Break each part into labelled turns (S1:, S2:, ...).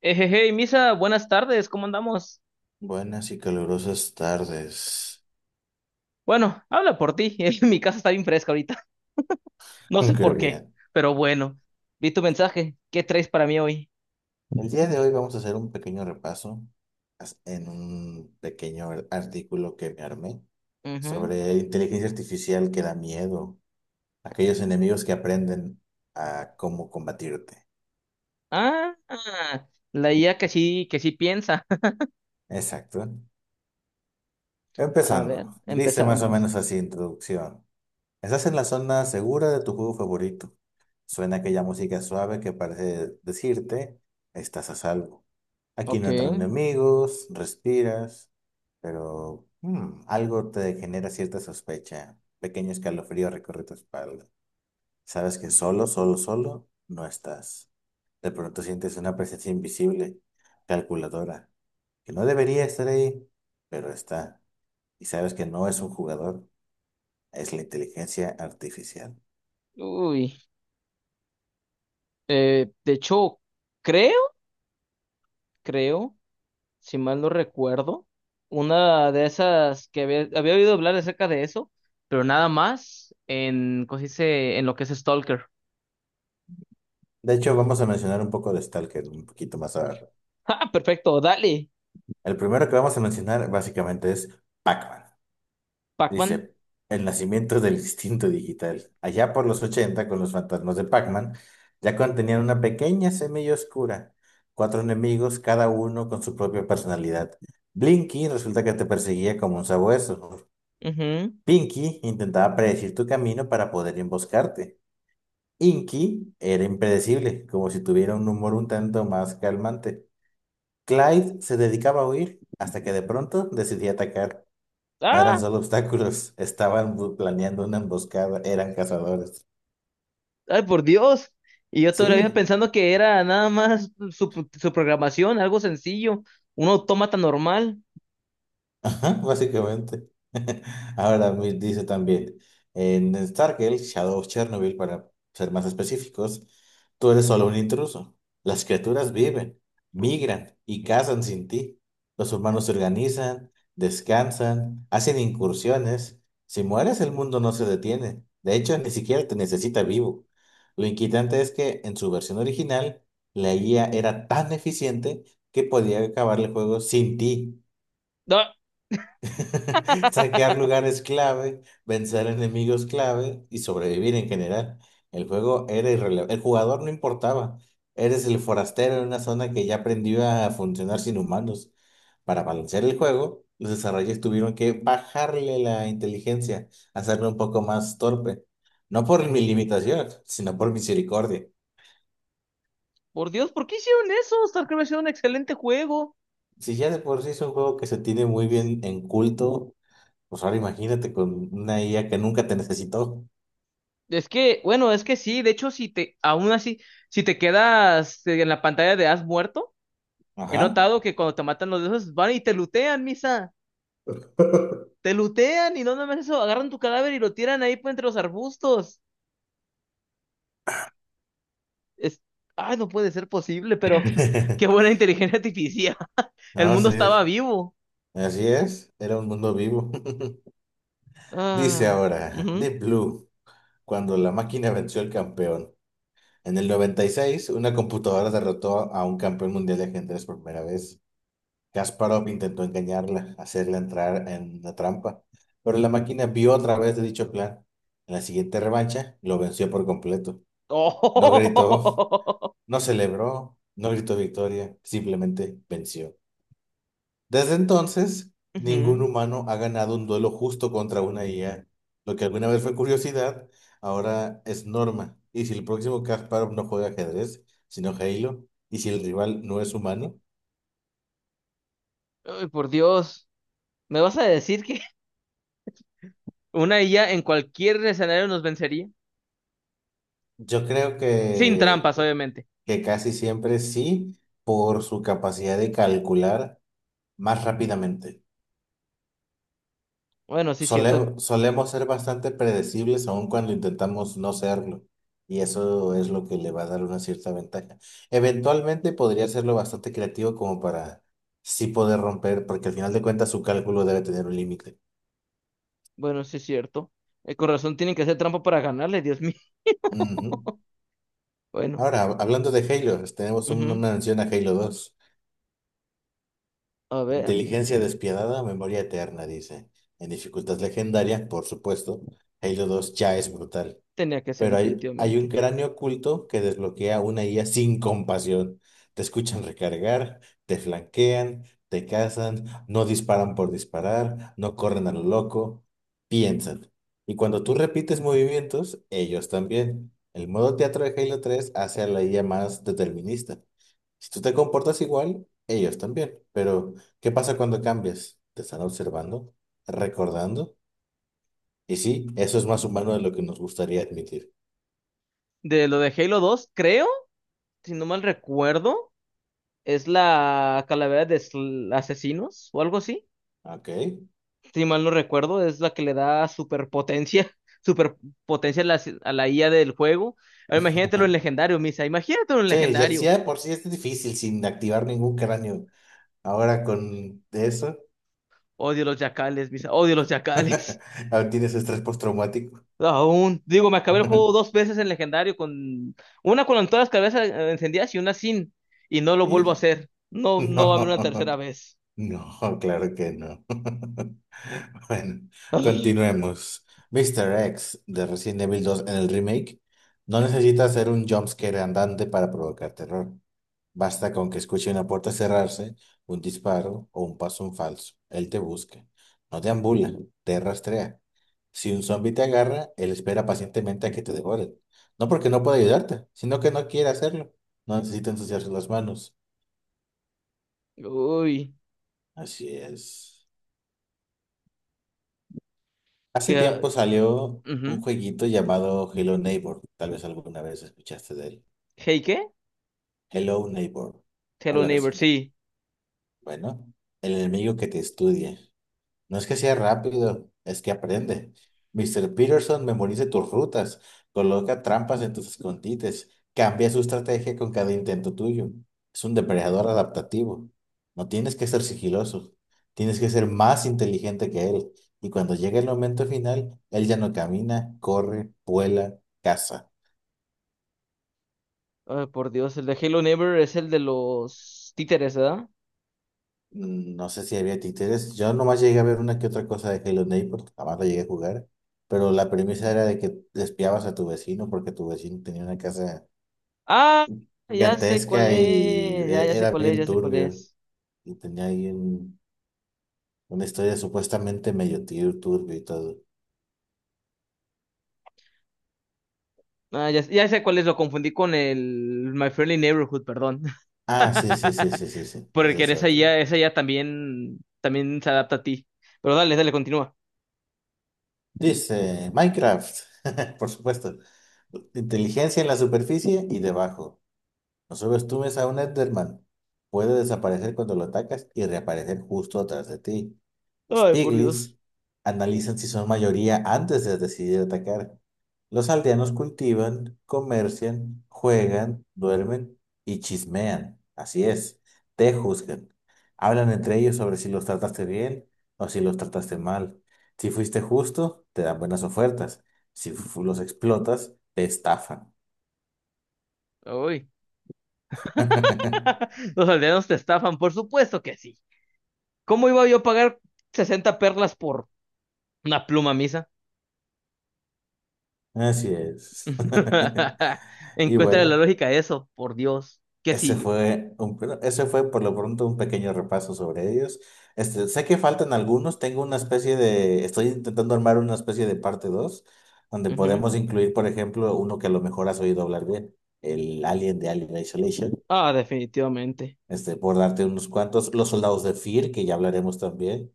S1: Hey, hey, Misa, buenas tardes, ¿cómo andamos?
S2: Buenas y calurosas tardes.
S1: Bueno, habla por ti, mi casa está bien fresca ahorita, no sé
S2: Qué
S1: por qué,
S2: bien.
S1: pero bueno, vi tu mensaje, ¿qué traes para mí hoy?
S2: El día de hoy vamos a hacer un pequeño repaso en un pequeño artículo que me armé
S1: Ujú.
S2: sobre inteligencia artificial que da miedo, aquellos enemigos que aprenden a cómo combatirte.
S1: Ah, la IA que sí piensa.
S2: Exacto.
S1: A ver,
S2: Empezando, dice más o
S1: empezamos.
S2: menos así introducción. Estás en la zona segura de tu juego favorito. Suena aquella música suave que parece decirte, estás a salvo. Aquí
S1: Ok,
S2: no entran enemigos, respiras, pero algo te genera cierta sospecha. Pequeño escalofrío recorre tu espalda. Sabes que solo no estás. De pronto sientes una presencia invisible, calculadora, que no debería estar ahí, pero está. Y sabes que no es un jugador, es la inteligencia artificial.
S1: uy, de hecho, creo, creo, si mal no recuerdo, una de esas que había oído hablar acerca de eso, pero nada más en, ¿cómo se dice?, en lo que es Stalker.
S2: De hecho, vamos a mencionar un poco de Stalker un poquito más abajo.
S1: Ah, perfecto, dale.
S2: El primero que vamos a mencionar básicamente es Pac-Man.
S1: Pac-Man.
S2: Dice, el nacimiento del instinto digital. Allá por los 80 con los fantasmas de Pac-Man, ya contenían una pequeña semilla oscura. Cuatro enemigos, cada uno con su propia personalidad. Blinky resulta que te perseguía como un sabueso.
S1: Ujú.
S2: Pinky intentaba predecir tu camino para poder emboscarte. Inky era impredecible, como si tuviera un humor un tanto más calmante. Clyde se dedicaba a huir hasta que de pronto decidía atacar. No eran
S1: Ah,
S2: solo obstáculos, estaban planeando una emboscada, eran cazadores.
S1: ay, por Dios. Y yo todavía
S2: Sí,
S1: pensando que era nada más su programación, algo sencillo, un autómata normal.
S2: ajá, básicamente. Ahora me dice también, en Stargate, Shadow of Chernobyl, para ser más específicos, tú eres solo un intruso. Las criaturas viven, migran y cazan sin ti. Los humanos se organizan, descansan, hacen incursiones. Si mueres, el mundo no se detiene. De hecho, ni siquiera te necesita vivo. Lo inquietante es que en su versión original, la IA era tan eficiente que podía acabar el juego sin ti.
S1: Ah,
S2: Saquear lugares clave, vencer enemigos clave y sobrevivir en general. El juego era irrelevante. El jugador no importaba. Eres el forastero en una zona que ya aprendió a funcionar sin humanos. Para balancear el juego, los desarrolladores tuvieron que bajarle la inteligencia, hacerlo un poco más torpe. No por mi limitación, sino por misericordia.
S1: por Dios, ¿por qué hicieron eso? StarCraft es un excelente juego.
S2: Si ya de por sí es un juego que se tiene muy bien en culto, pues ahora imagínate con una IA que nunca te necesitó.
S1: Es que, bueno, es que sí, de hecho, aún así, si te quedas en la pantalla de has muerto, he
S2: Ajá.
S1: notado que cuando te matan los de esos, van y te lutean, misa. Te lutean y no nada más eso, agarran tu cadáver y lo tiran ahí pues, entre los arbustos. Es, ay, no puede ser posible, pero qué buena inteligencia artificial. El
S2: No,
S1: mundo
S2: sí,
S1: estaba vivo.
S2: así es, era un mundo vivo. Dice
S1: Ah,
S2: ahora,
S1: ujú.
S2: Deep Blue, cuando la máquina venció al campeón. En el 96, una computadora derrotó a un campeón mundial de ajedrez por primera vez. Kasparov intentó engañarla, hacerla entrar en la trampa, pero la máquina vio otra vez de dicho plan. En la siguiente revancha, lo venció por completo. No gritó,
S1: Oh,
S2: no celebró, no gritó victoria, simplemente venció. Desde entonces, ningún
S1: ujú.
S2: humano ha ganado un duelo justo contra una IA. Lo que alguna vez fue curiosidad, ahora es norma. ¿Y si el próximo Kasparov no juega ajedrez, sino Halo? ¿Y si el rival no es humano?
S1: Ay, por Dios. ¿Me vas a decir que una IA en cualquier escenario nos vencería?
S2: Yo creo
S1: Sin trampas, obviamente.
S2: que casi siempre sí, por su capacidad de calcular más rápidamente.
S1: Bueno, sí es cierto.
S2: Solemos ser bastante predecibles aun cuando intentamos no serlo, y eso es lo que le va a dar una cierta ventaja. Eventualmente podría hacerlo bastante creativo como para sí poder romper, porque al final de cuentas su cálculo debe tener un límite.
S1: Bueno, sí es cierto. El corazón tiene que hacer trampa para ganarle, Dios mío.
S2: Ujú.
S1: Bueno,
S2: Ahora, hablando de Halo, tenemos una
S1: ujú.
S2: mención a Halo 2.
S1: A ver,
S2: Inteligencia despiadada, memoria eterna, dice. En dificultad legendaria, por supuesto, Halo 2 ya es brutal.
S1: tenía que ser
S2: Pero hay un
S1: definitivamente.
S2: cráneo oculto que desbloquea una IA sin compasión. Te escuchan recargar, te flanquean, te cazan, no disparan por disparar, no corren a lo loco, piensan. Y cuando tú repites movimientos, ellos también. El modo teatro de Halo 3 hace a la IA más determinista. Si tú te comportas igual, ellos también. Pero, ¿qué pasa cuando cambias? ¿Te están observando? ¿Recordando? Y sí, eso es más humano de lo que nos gustaría admitir.
S1: De lo de Halo 2 creo, si no mal recuerdo. Es la calavera de asesinos o algo así.
S2: ¿Ok?
S1: Si mal no recuerdo, es la que le da superpotencia, superpotencia a la, si-, a la IA del juego. Ahora imagínatelo en legendario, Misa. Imagínatelo en
S2: Sí, ya, sí,
S1: legendario.
S2: ya de por sí es difícil sin activar ningún cráneo. Ahora con eso,
S1: Odio los yacales, Misa. Odio los yacales.
S2: ahora tienes estrés postraumático.
S1: Aún. Digo, me acabé el juego 2 veces en legendario con una con todas las cabezas encendidas y una sin. Y no lo vuelvo a
S2: Y
S1: hacer. No,
S2: no,
S1: no va a haber una tercera vez.
S2: no, claro que no. Bueno, continuemos. Mr. X de Resident Evil 2 en el remake no necesita hacer un jumpscare andante para provocar terror. Basta con que escuche una puerta cerrarse, un disparo o un paso en falso. Él te busca. No te ambula, te rastrea. Si un zombi te agarra, él espera pacientemente a que te devore. No porque no pueda ayudarte, sino que no quiere hacerlo. No necesita ensuciarse las manos.
S1: Uy.
S2: Así es. Hace
S1: Que, ah,
S2: tiempo salió un
S1: ujú.
S2: jueguito llamado Hello Neighbor. Tal vez alguna vez escuchaste de él.
S1: Hey, ¿qué?
S2: Hello Neighbor.
S1: Hello
S2: Hola
S1: Neighbor,
S2: vecino.
S1: sí.
S2: Bueno, el enemigo que te estudia. No es que sea rápido, es que aprende. Mr. Peterson memoriza tus rutas, coloca trampas en tus escondites, cambia su estrategia con cada intento tuyo. Es un depredador adaptativo. No tienes que ser sigiloso, tienes que ser más inteligente que él. Y cuando llega el momento final, él ya no camina, corre, vuela, caza.
S1: Ay, por Dios, el de Halo Never es el de los títeres, ¿verdad?
S2: No sé si había títeres. Yo nomás llegué a ver una que otra cosa de Halo Infinite porque jamás la llegué a jugar. Pero la premisa era de que espiabas a tu vecino porque tu vecino tenía una casa
S1: Ah, ya sé cuál
S2: gigantesca y
S1: es, ya sé
S2: era
S1: cuál es,
S2: bien
S1: ya sé cuál
S2: turbio.
S1: es.
S2: Y tenía ahí una historia supuestamente medio turbio y todo.
S1: Ah, ya, ya sé cuál es, lo confundí con el My Friendly Neighborhood, perdón.
S2: Ah, sí, sí, sí, sí, sí, sí. Ese
S1: Porque
S2: es otro.
S1: esa ya también, también se adapta a ti. Pero dale, dale, continúa.
S2: Dice Minecraft, por supuesto. Inteligencia en la superficie y debajo. Solo estuves a un Enderman. Puede desaparecer cuando lo atacas y reaparecer justo atrás de ti. Los
S1: Ay, por Dios.
S2: Piglins analizan si son mayoría antes de decidir atacar. Los aldeanos cultivan, comercian, juegan, duermen y chismean. Así es, te juzgan. Hablan entre ellos sobre si los trataste bien o si los trataste mal. Si fuiste justo, te dan buenas ofertas. Si fu- Los explotas, te estafan.
S1: Uy. Los aldeanos te estafan, por supuesto que sí. ¿Cómo iba yo a pagar 60 perlas por una pluma misa?
S2: Así es. Y
S1: Encuentra la
S2: bueno,
S1: lógica de eso, por Dios. ¿Qué
S2: ese
S1: sigue?
S2: fue un, pero ese fue por lo pronto un pequeño repaso sobre ellos. Este, sé que faltan algunos, tengo una especie de, estoy intentando armar una especie de parte 2 donde
S1: Ujú.
S2: podemos incluir, por ejemplo, uno que a lo mejor has oído hablar bien, el Alien de Alien Isolation,
S1: Ah, definitivamente.
S2: este, por darte unos cuantos, los soldados de Fear, que ya hablaremos también.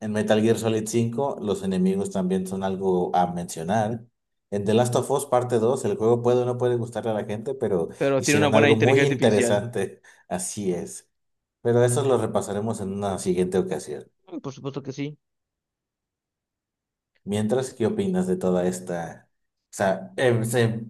S2: En Metal Gear Solid 5, los enemigos también son algo a mencionar. En The Last of Us Parte 2, el juego puede o no puede gustarle a la gente, pero
S1: Pero tiene una
S2: hicieron
S1: buena
S2: algo
S1: inteligencia
S2: muy
S1: artificial.
S2: interesante. Así es. Pero eso lo repasaremos en una siguiente ocasión.
S1: Mm, por supuesto que sí.
S2: Mientras, ¿qué opinas de toda esta? O sea,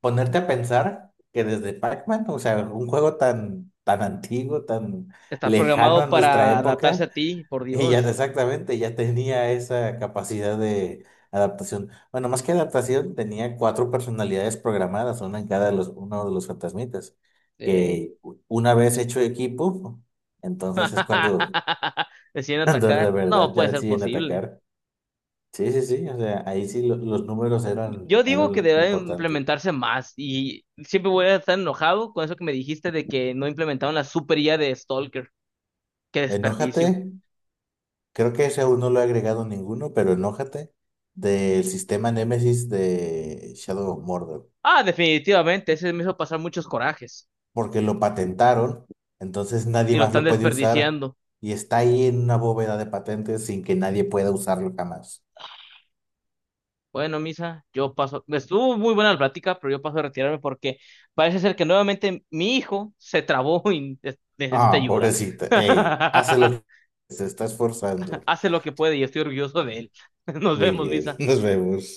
S2: ponerte a pensar que desde Pac-Man, o sea, un juego tan, tan antiguo, tan
S1: Está
S2: lejano a
S1: programado
S2: nuestra
S1: para adaptarse a
S2: época.
S1: ti, por
S2: Y ya
S1: Dios.
S2: exactamente, ya tenía esa capacidad de adaptación. Bueno, más que adaptación, tenía cuatro personalidades programadas, una en cada de los, uno de los fantasmitas,
S1: Sí.
S2: que una vez hecho equipo, entonces es cuando,
S1: Deciden
S2: cuando de
S1: atacar. No
S2: verdad ya
S1: puede ser
S2: deciden
S1: posible.
S2: atacar. Sí, sí, sí, o sea, ahí sí los números eran,
S1: Yo digo
S2: eran
S1: que
S2: lo
S1: debe
S2: importantes.
S1: implementarse más y siempre voy a estar enojado con eso que me dijiste de que no implementaron la super IA de Stalker. Qué
S2: Enójate,
S1: desperdicio.
S2: creo que ese aún no lo he agregado ninguno, pero enójate del sistema Némesis de Shadow of Mordor.
S1: Ah, definitivamente, ese me hizo pasar muchos corajes
S2: Porque lo patentaron, entonces nadie
S1: y lo
S2: más
S1: están
S2: lo puede usar
S1: desperdiciando.
S2: y está ahí en una bóveda de patentes sin que nadie pueda usarlo jamás.
S1: Bueno, Misa, yo paso, estuvo muy buena la plática, pero yo paso a retirarme porque parece ser que nuevamente mi hijo se trabó y necesita
S2: Ah,
S1: ayuda.
S2: pobrecita, ey, hace lo que se está esforzando.
S1: Hace lo que puede y estoy orgulloso de él. Nos
S2: Muy
S1: vemos,
S2: bien,
S1: Misa.
S2: nos vemos.